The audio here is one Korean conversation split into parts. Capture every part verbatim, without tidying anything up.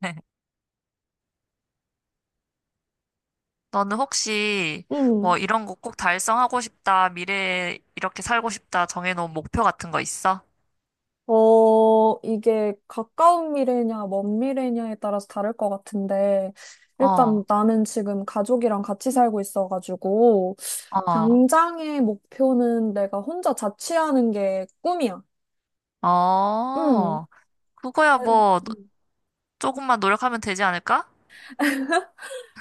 네. 너는 혹시 음. 뭐 이런 거 꼭 달성하고 싶다, 미래에 이렇게 살고 싶다 정해놓은 목표 같은 거 있어? 어, 이게 가까운 미래냐, 먼 미래냐에 따라서 다를 것 같은데, 일단 어, 나는 지금 가족이랑 같이 살고 있어가지고, 어, 당장의 목표는 내가 혼자 자취하는 게 꿈이야. 음. 어. 그거야 뭐 노- 음. 조금만 노력하면 되지 않을까?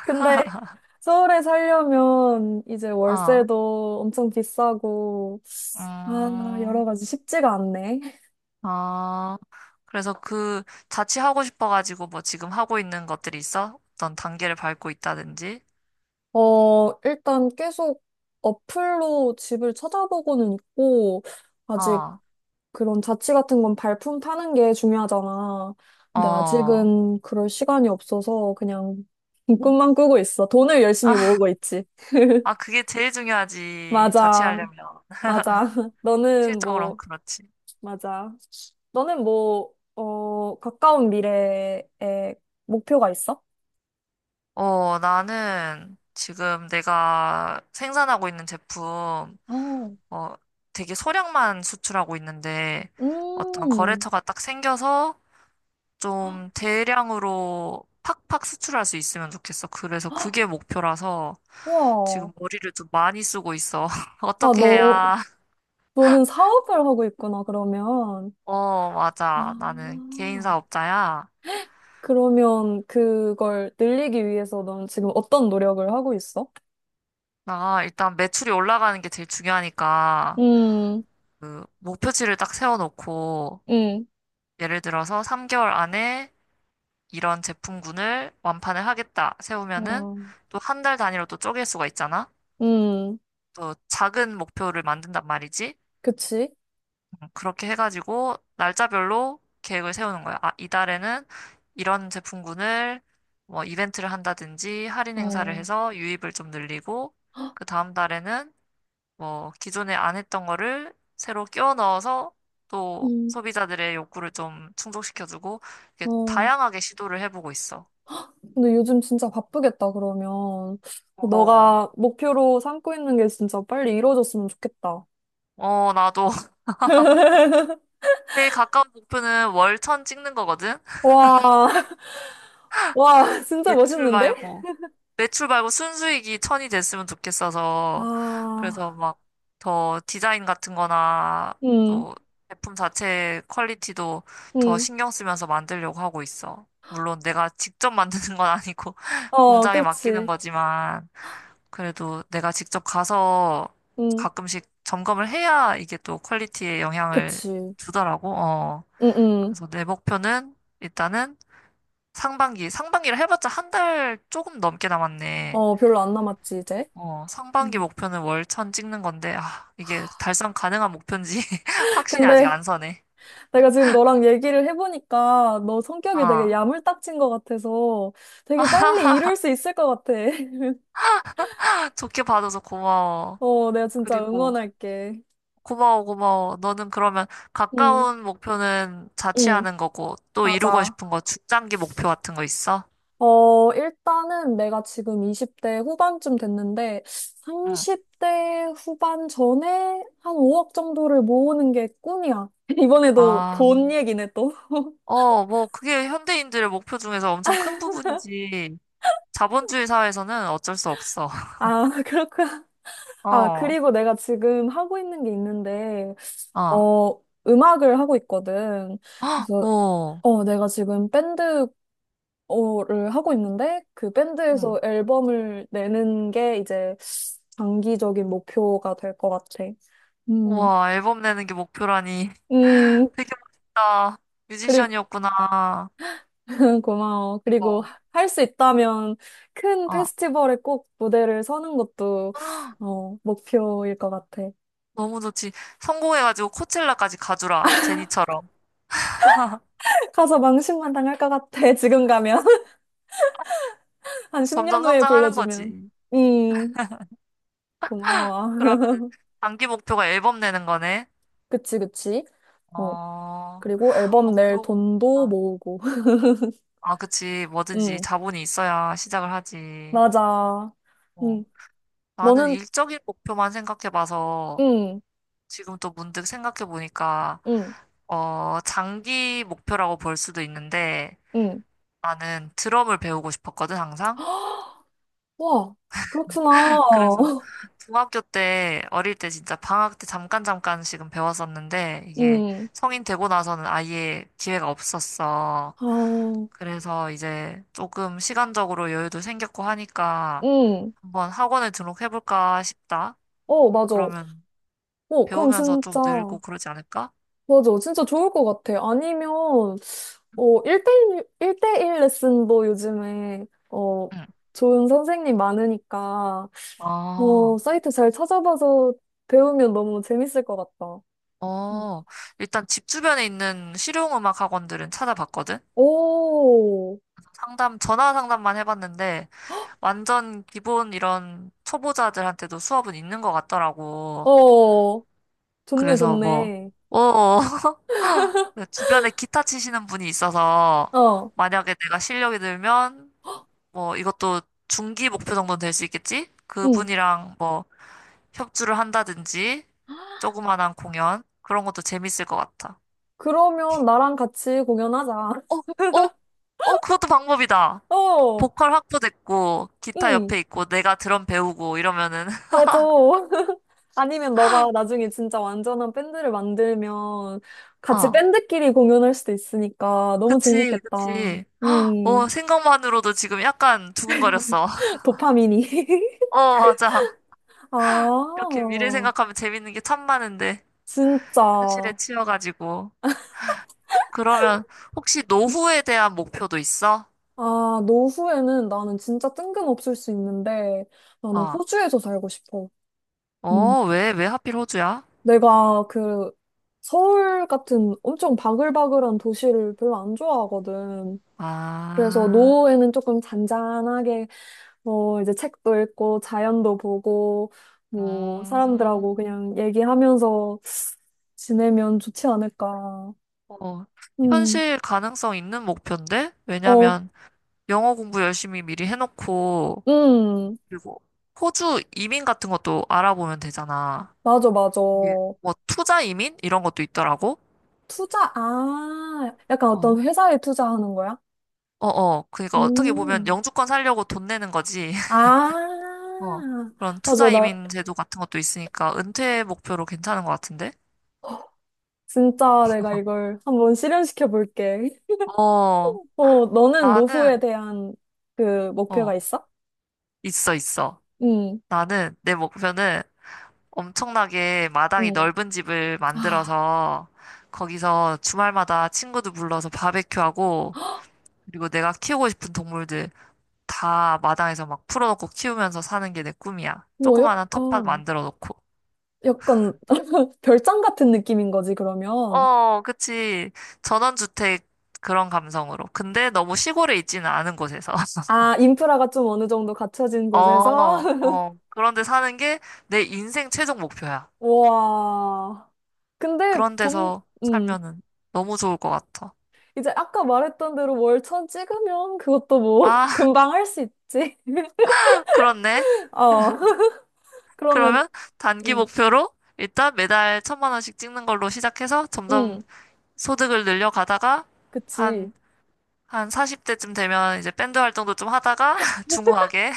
근데 서울에 살려면 이제 어, 월세도 엄청 비싸고, 아, 음, 여러 가지 쉽지가 않네. 어. 그래서 그 자취하고 싶어가지고 뭐 지금 하고 있는 것들이 있어? 어떤 단계를 밟고 있다든지? 어, 일단 계속 어플로 집을 찾아보고는 있고, 아직 어, 그런 자취 같은 건 발품 파는 게 중요하잖아. 근데 어. 아직은 그럴 시간이 없어서 그냥 꿈만 꾸고 있어. 돈을 열심히 모으고 있지. 아, 그게 제일 중요하지. 맞아, 자취하려면. 맞아. 너는 실적으로는 뭐, 그렇지. 맞아. 너는 뭐, 어, 가까운 미래에 목표가 있어? 어, 나는 지금 내가 생산하고 있는 제품, 어, 어, 되게 소량만 수출하고 있는데 어떤 음, 거래처가 딱 생겨서 좀 대량으로 팍팍 수출할 수 있으면 좋겠어. 그래서 그게 목표라서 지금 와. 머리를 좀 많이 쓰고 있어. 아, 어떻게 너, 해야? 너는 사업을 하고 있구나, 그러면. 어, 맞아. 나는 개인 아, 사업자야. 그러면 그걸 늘리기 위해서 넌 지금 어떤 노력을 하고 있어? 나 일단 매출이 올라가는 게 제일 중요하니까 음, 그 목표치를 딱 세워놓고 음, 예를 들어서 삼 개월 안에 이런 제품군을 완판을 하겠다 세우면은 와, 또 한 달 단위로 또 쪼갤 수가 있잖아. 음, 또 작은 목표를 만든단 말이지. 그치? 음, 그렇게 해가지고 날짜별로 계획을 세우는 거야. 아, 이달에는 이런 제품군을 뭐 이벤트를 한다든지 할인 행사를 어, 해서 유입을 좀 늘리고 그 다음 달에는 뭐, 기존에 안 했던 거를 새로 끼워 넣어서 또 음, 소비자들의 욕구를 좀 충족시켜주고, 이렇게 어. 다양하게 시도를 해보고 있어. 근데 요즘 진짜 바쁘겠다, 그러면. 어, 너가 목표로 삼고 있는 게 진짜 빨리 이루어졌으면 좋겠다. 어, 나도. 제일 가까운 목표는 월천 찍는 거거든? 와, 와, 진짜 외출 멋있는데? 말고. 매출 말고 순수익이 천이 됐으면 좋겠어서 그래서 아, 막 더 디자인 같은 거나 음, 또 제품 자체 퀄리티도 더 음, 신경 쓰면서 만들려고 하고 있어. 물론 내가 직접 만드는 건 아니고 어, 그 공장에 렇 맡기는 지 거지만 그래도 내가 직접 가서 가끔씩 점검을 해야 이게 또 퀄리티에 영향을 그치. 주더라고. 어. 응응. 그래서 내 목표는 일단은 상반기, 상반기를 해봤자 한 달 조금 넘게 남았네. 어, 별로 안 남았지, 이제. 어, 상반기 음. 목표는 월천 찍는 건데, 아, 이게 달성 가능한 목표인지 확신이 아직 근데 안 서네. 내가 지금 너랑 얘기를 해보니까 너 성격이 되게 아, 야물딱진 것 같아서 되게 빨리 이룰 수 있을 것 같아. 좋게 봐줘서 고마워. 어, 내가 진짜 그리고 응원할게. 고마워, 고마워. 너는 그러면 응, 가까운 목표는 응, 자취하는 거고, 또 이루고 맞아. 싶은 거, 중장기 목표 같은 거 있어? 어, 일단은 내가 지금 이십 대 후반쯤 됐는데 응. 삼십 대 후반 전에 한 오억 정도를 모으는 게 꿈이야. 이번에도 아, 돈 얘기네 또. 어, 뭐, 그게 현대인들의 목표 중에서 엄청 큰 부분이지. 자본주의 사회에서는 어쩔 수 없어. 아, 그렇구나. 아, 어, 그리고 내가 지금 하고 있는 게 있는데, 아, 어, 음악을 하고 있거든. 어, 그래서, 오, 어, 내가 지금 밴드, 어를 하고 있는데, 그 응. 밴드에서 앨범을 내는 게 이제 장기적인 목표가 될 것 같아. 음, 우와, 앨범 내는 게 목표라니. 음, 되게 멋있다. 그리고, 뮤지션이었구나. 고마워. 그리고 대박. 할 수 있다면 큰 어. 페스티벌에 꼭 무대를 서는 것도, 어, 목표일 것 같아. 너무 좋지. 성공해가지고 코첼라까지 가주라. 제니처럼. 가서 망신만 당할 것 같아, 지금 가면. 한 점점 십 년 후에 성장하는 불러주면. 거지. 음, 고마워. 그러면은 단기 목표가 앨범 내는 거네. 그치, 그치. 어, 어, 그리고 앨범 어, 낼 그러고 돈도 보니까. 모으고. 아, 그치. 뭐든지 음, 자본이 있어야 시작을 하지. 맞아. 어. 응. 나는 너는, 일적인 목표만 생각해봐서 음, 지금 또 문득 생각해보니까, 음, 어, 장기 목표라고 볼 수도 있는데, 음, 나는 드럼을 배우고 싶었거든, 항상. 와, 그렇구나. 그래서 중학교 때, 어릴 때 진짜 방학 때 잠깐 잠깐씩은 배웠었는데, 이게 음, 성인 되고 나서는 아예 기회가 없었어. 아, 그래서 이제 조금 시간적으로 여유도 생겼고 하니까 음. 한번 학원에 등록해볼까 싶다. 어, 맞아. 그러면 어, 그럼 배우면서 진짜, 좀 늘고 그러지 않을까? 맞아. 진짜 좋을 것 같아. 아니면, 어, 일대일, 일대일 레슨도 요즘에, 어, 응. 좋은 선생님 많으니까, 아, 어, 사이트 잘 찾아봐서 배우면 너무 재밌을 것 같다. 음. 어, 일단 집 주변에 있는 실용음악 학원들은 찾아봤거든? 오, 상담, 전화 상담만 해봤는데, 완전 기본 이런 초보자들한테도 수업은 있는 것 같더라고. 어, 좋네, 그래서 뭐, 좋네. 어, 주변에 기타 치시는 분이 있어서 어, 만약에 내가 실력이 늘면 뭐 이것도 중기 목표 정도는 될 수 있겠지? 응. 그분이랑 뭐 협주를 한다든지 조그만한 공연 그런 것도 재밌을 것 같아. 그러면 나랑 같이 공연하자. 어, 어, 어, 그것도 방법이다. 어, 보컬 확보됐고 기타 응, 옆에 있고 내가 드럼 배우고 이러면은 맞아. 아니면 너가 나중에 진짜 완전한 밴드를 만들면 같이 어, 밴드끼리 공연할 수도 있으니까 너무 그치, 재밌겠다. 그치. 음, 어, 생각만으로도 지금 약간 두근거렸어. 도파민이. 어, 맞아. 아, 이렇게 미래 생각하면 재밌는 게 참 많은데, 현실에 진짜. 치여가지고. 그러면 혹시 노후에 대한 목표도 있어? 아, 노후에는 나는 진짜 뜬금없을 수 있는데 나는 어, 호주에서 살고 싶어. 음. 어, 왜, 왜 하필 호주야? 내가 그 서울 같은 엄청 바글바글한 도시를 별로 안 좋아하거든. 그래서 아, 노후에는 조금 잔잔하게 뭐 이제 책도 읽고 자연도 보고 뭐 음, 사람들하고 그냥 얘기하면서 지내면 좋지 않을까. 어, 음, 현실 가능성 있는 목표인데? 어, 왜냐면 영어 공부 열심히 미리 해놓고, 음, 그리고 호주 이민 같은 것도 알아보면 되잖아. 맞아, 맞아. 이게 뭐 투자 이민? 이런 것도 있더라고. 투자, 아, 약간 어떤 어. 회사에 투자하는 거야? 어어. 그러니까 어떻게 보면 음. 영주권 살려고 돈 내는 거지. 아, 어. 그런 맞아. 투자 나 이민 제도 같은 것도 있으니까 은퇴 목표로 괜찮은 것 같은데? 진짜 내가 이걸 한번 실현시켜 볼게. 어. 어, 너는 노후에 나는 대한 그 목표가 어. 있어? 있어 있어. 응, 나는 내 목표는 엄청나게 마당이 응. 넓은 집을 아, 만들어서 거기서 주말마다 친구들 불러서 바베큐하고 그리고 내가 키우고 싶은 동물들 다 마당에서 막 풀어놓고 키우면서 사는 게 내 꿈이야. 뭐 조그마한 텃밭 약간, 만들어 놓고. 약간 별장 같은 느낌인 거지, 그러면. 어, 그치. 전원주택 그런 감성으로. 근데 너무 시골에 있지는 않은 곳에서. 아, 인프라가 좀 어느 정도 갖춰진 곳에서. 어, 어. 그런데 사는 게 내 인생 최종 목표야. 와. 근데 그런 돈, 데서 응. 살면은 너무 좋을 것 같아. 이제 아까 말했던 대로 월천 찍으면 그것도 뭐 아, 금방 할 수 있지. 그렇네. 어. 그러면 그러면 단기 응. 목표로 일단 매달 천만 원씩 찍는 걸로 시작해서 점점 응. 소득을 늘려가다가 그치. 한, 한 사십 대쯤 되면 이제 밴드 활동도 좀 하다가 중후하게.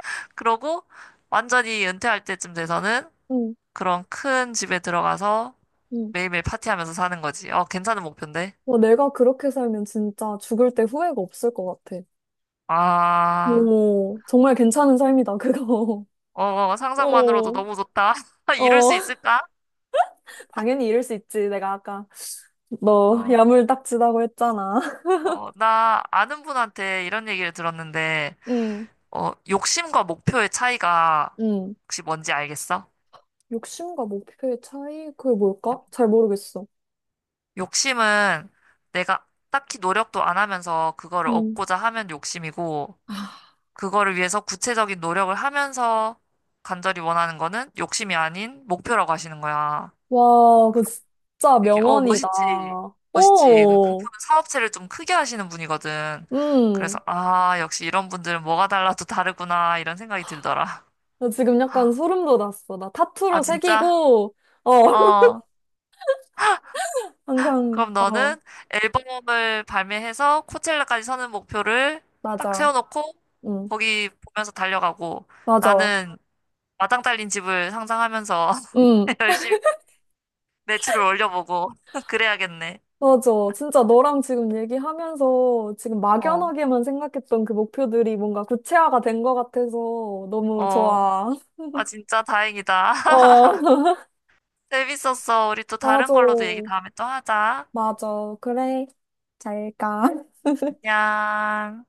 그러고 완전히 은퇴할 때쯤 돼서는 응. 그런 큰 집에 들어가서 응. 매일매일 파티하면서 사는 거지. 어, 괜찮은 목표인데? 뭐 내가 그렇게 살면 진짜 죽을 때 후회가 없을 것 같아. 아, 오, 정말 괜찮은 삶이다, 그거. 어, 어, 상상만으로도 어. 너무 좋다. 이룰 수 어. 있을까? 당연히 이럴 수 있지. 내가 아까 너 어, 야물딱지다고 했잖아. 어, 나 아는 분한테 이런 얘기를 들었는데, 응. 어, 욕심과 목표의 차이가 응. 혹시 뭔지 알겠어? 욕심과 목표의 차이? 그게 뭘까? 잘 모르겠어. 욕심은 내가 딱히 노력도 안 하면서 그거를 응. 얻고자 하면 욕심이고, 그거를 위해서 구체적인 노력을 하면서 간절히 원하는 거는 욕심이 아닌 목표라고 하시는 거야. 와, 그거 진짜 되게, 어, 명언이다. 멋있지. 멋있지. 그, 오, 그분은 사업체를 좀 크게 하시는 분이거든. 그래서, 음. 아, 역시 이런 분들은 뭐가 달라도 다르구나, 이런 생각이 들더라. 나 지금 약간 소름 돋았어. 나 아, 타투로 진짜? 새기고, 어, 어. 항상, 그럼 어, 너는 앨범을 발매해서 코첼라까지 서는 목표를 딱 맞아. 세워놓고 응, 거기 보면서 달려가고 맞아. 나는 마당 딸린 집을 상상하면서 응, 열심히 매출을 올려보고 그래야겠네. 맞아. 진짜 너랑 지금 얘기하면서 지금 어, 막연하게만 생각했던 그 목표들이 뭔가 구체화가 된 것 같아서 너무 어. 좋아. 아, 진짜 다행이다. 어, 재밌었어. 우리 또 다른 맞아. 걸로도 얘기 다음에 또 하자. 맞아. 그래. 잘 가. 안녕.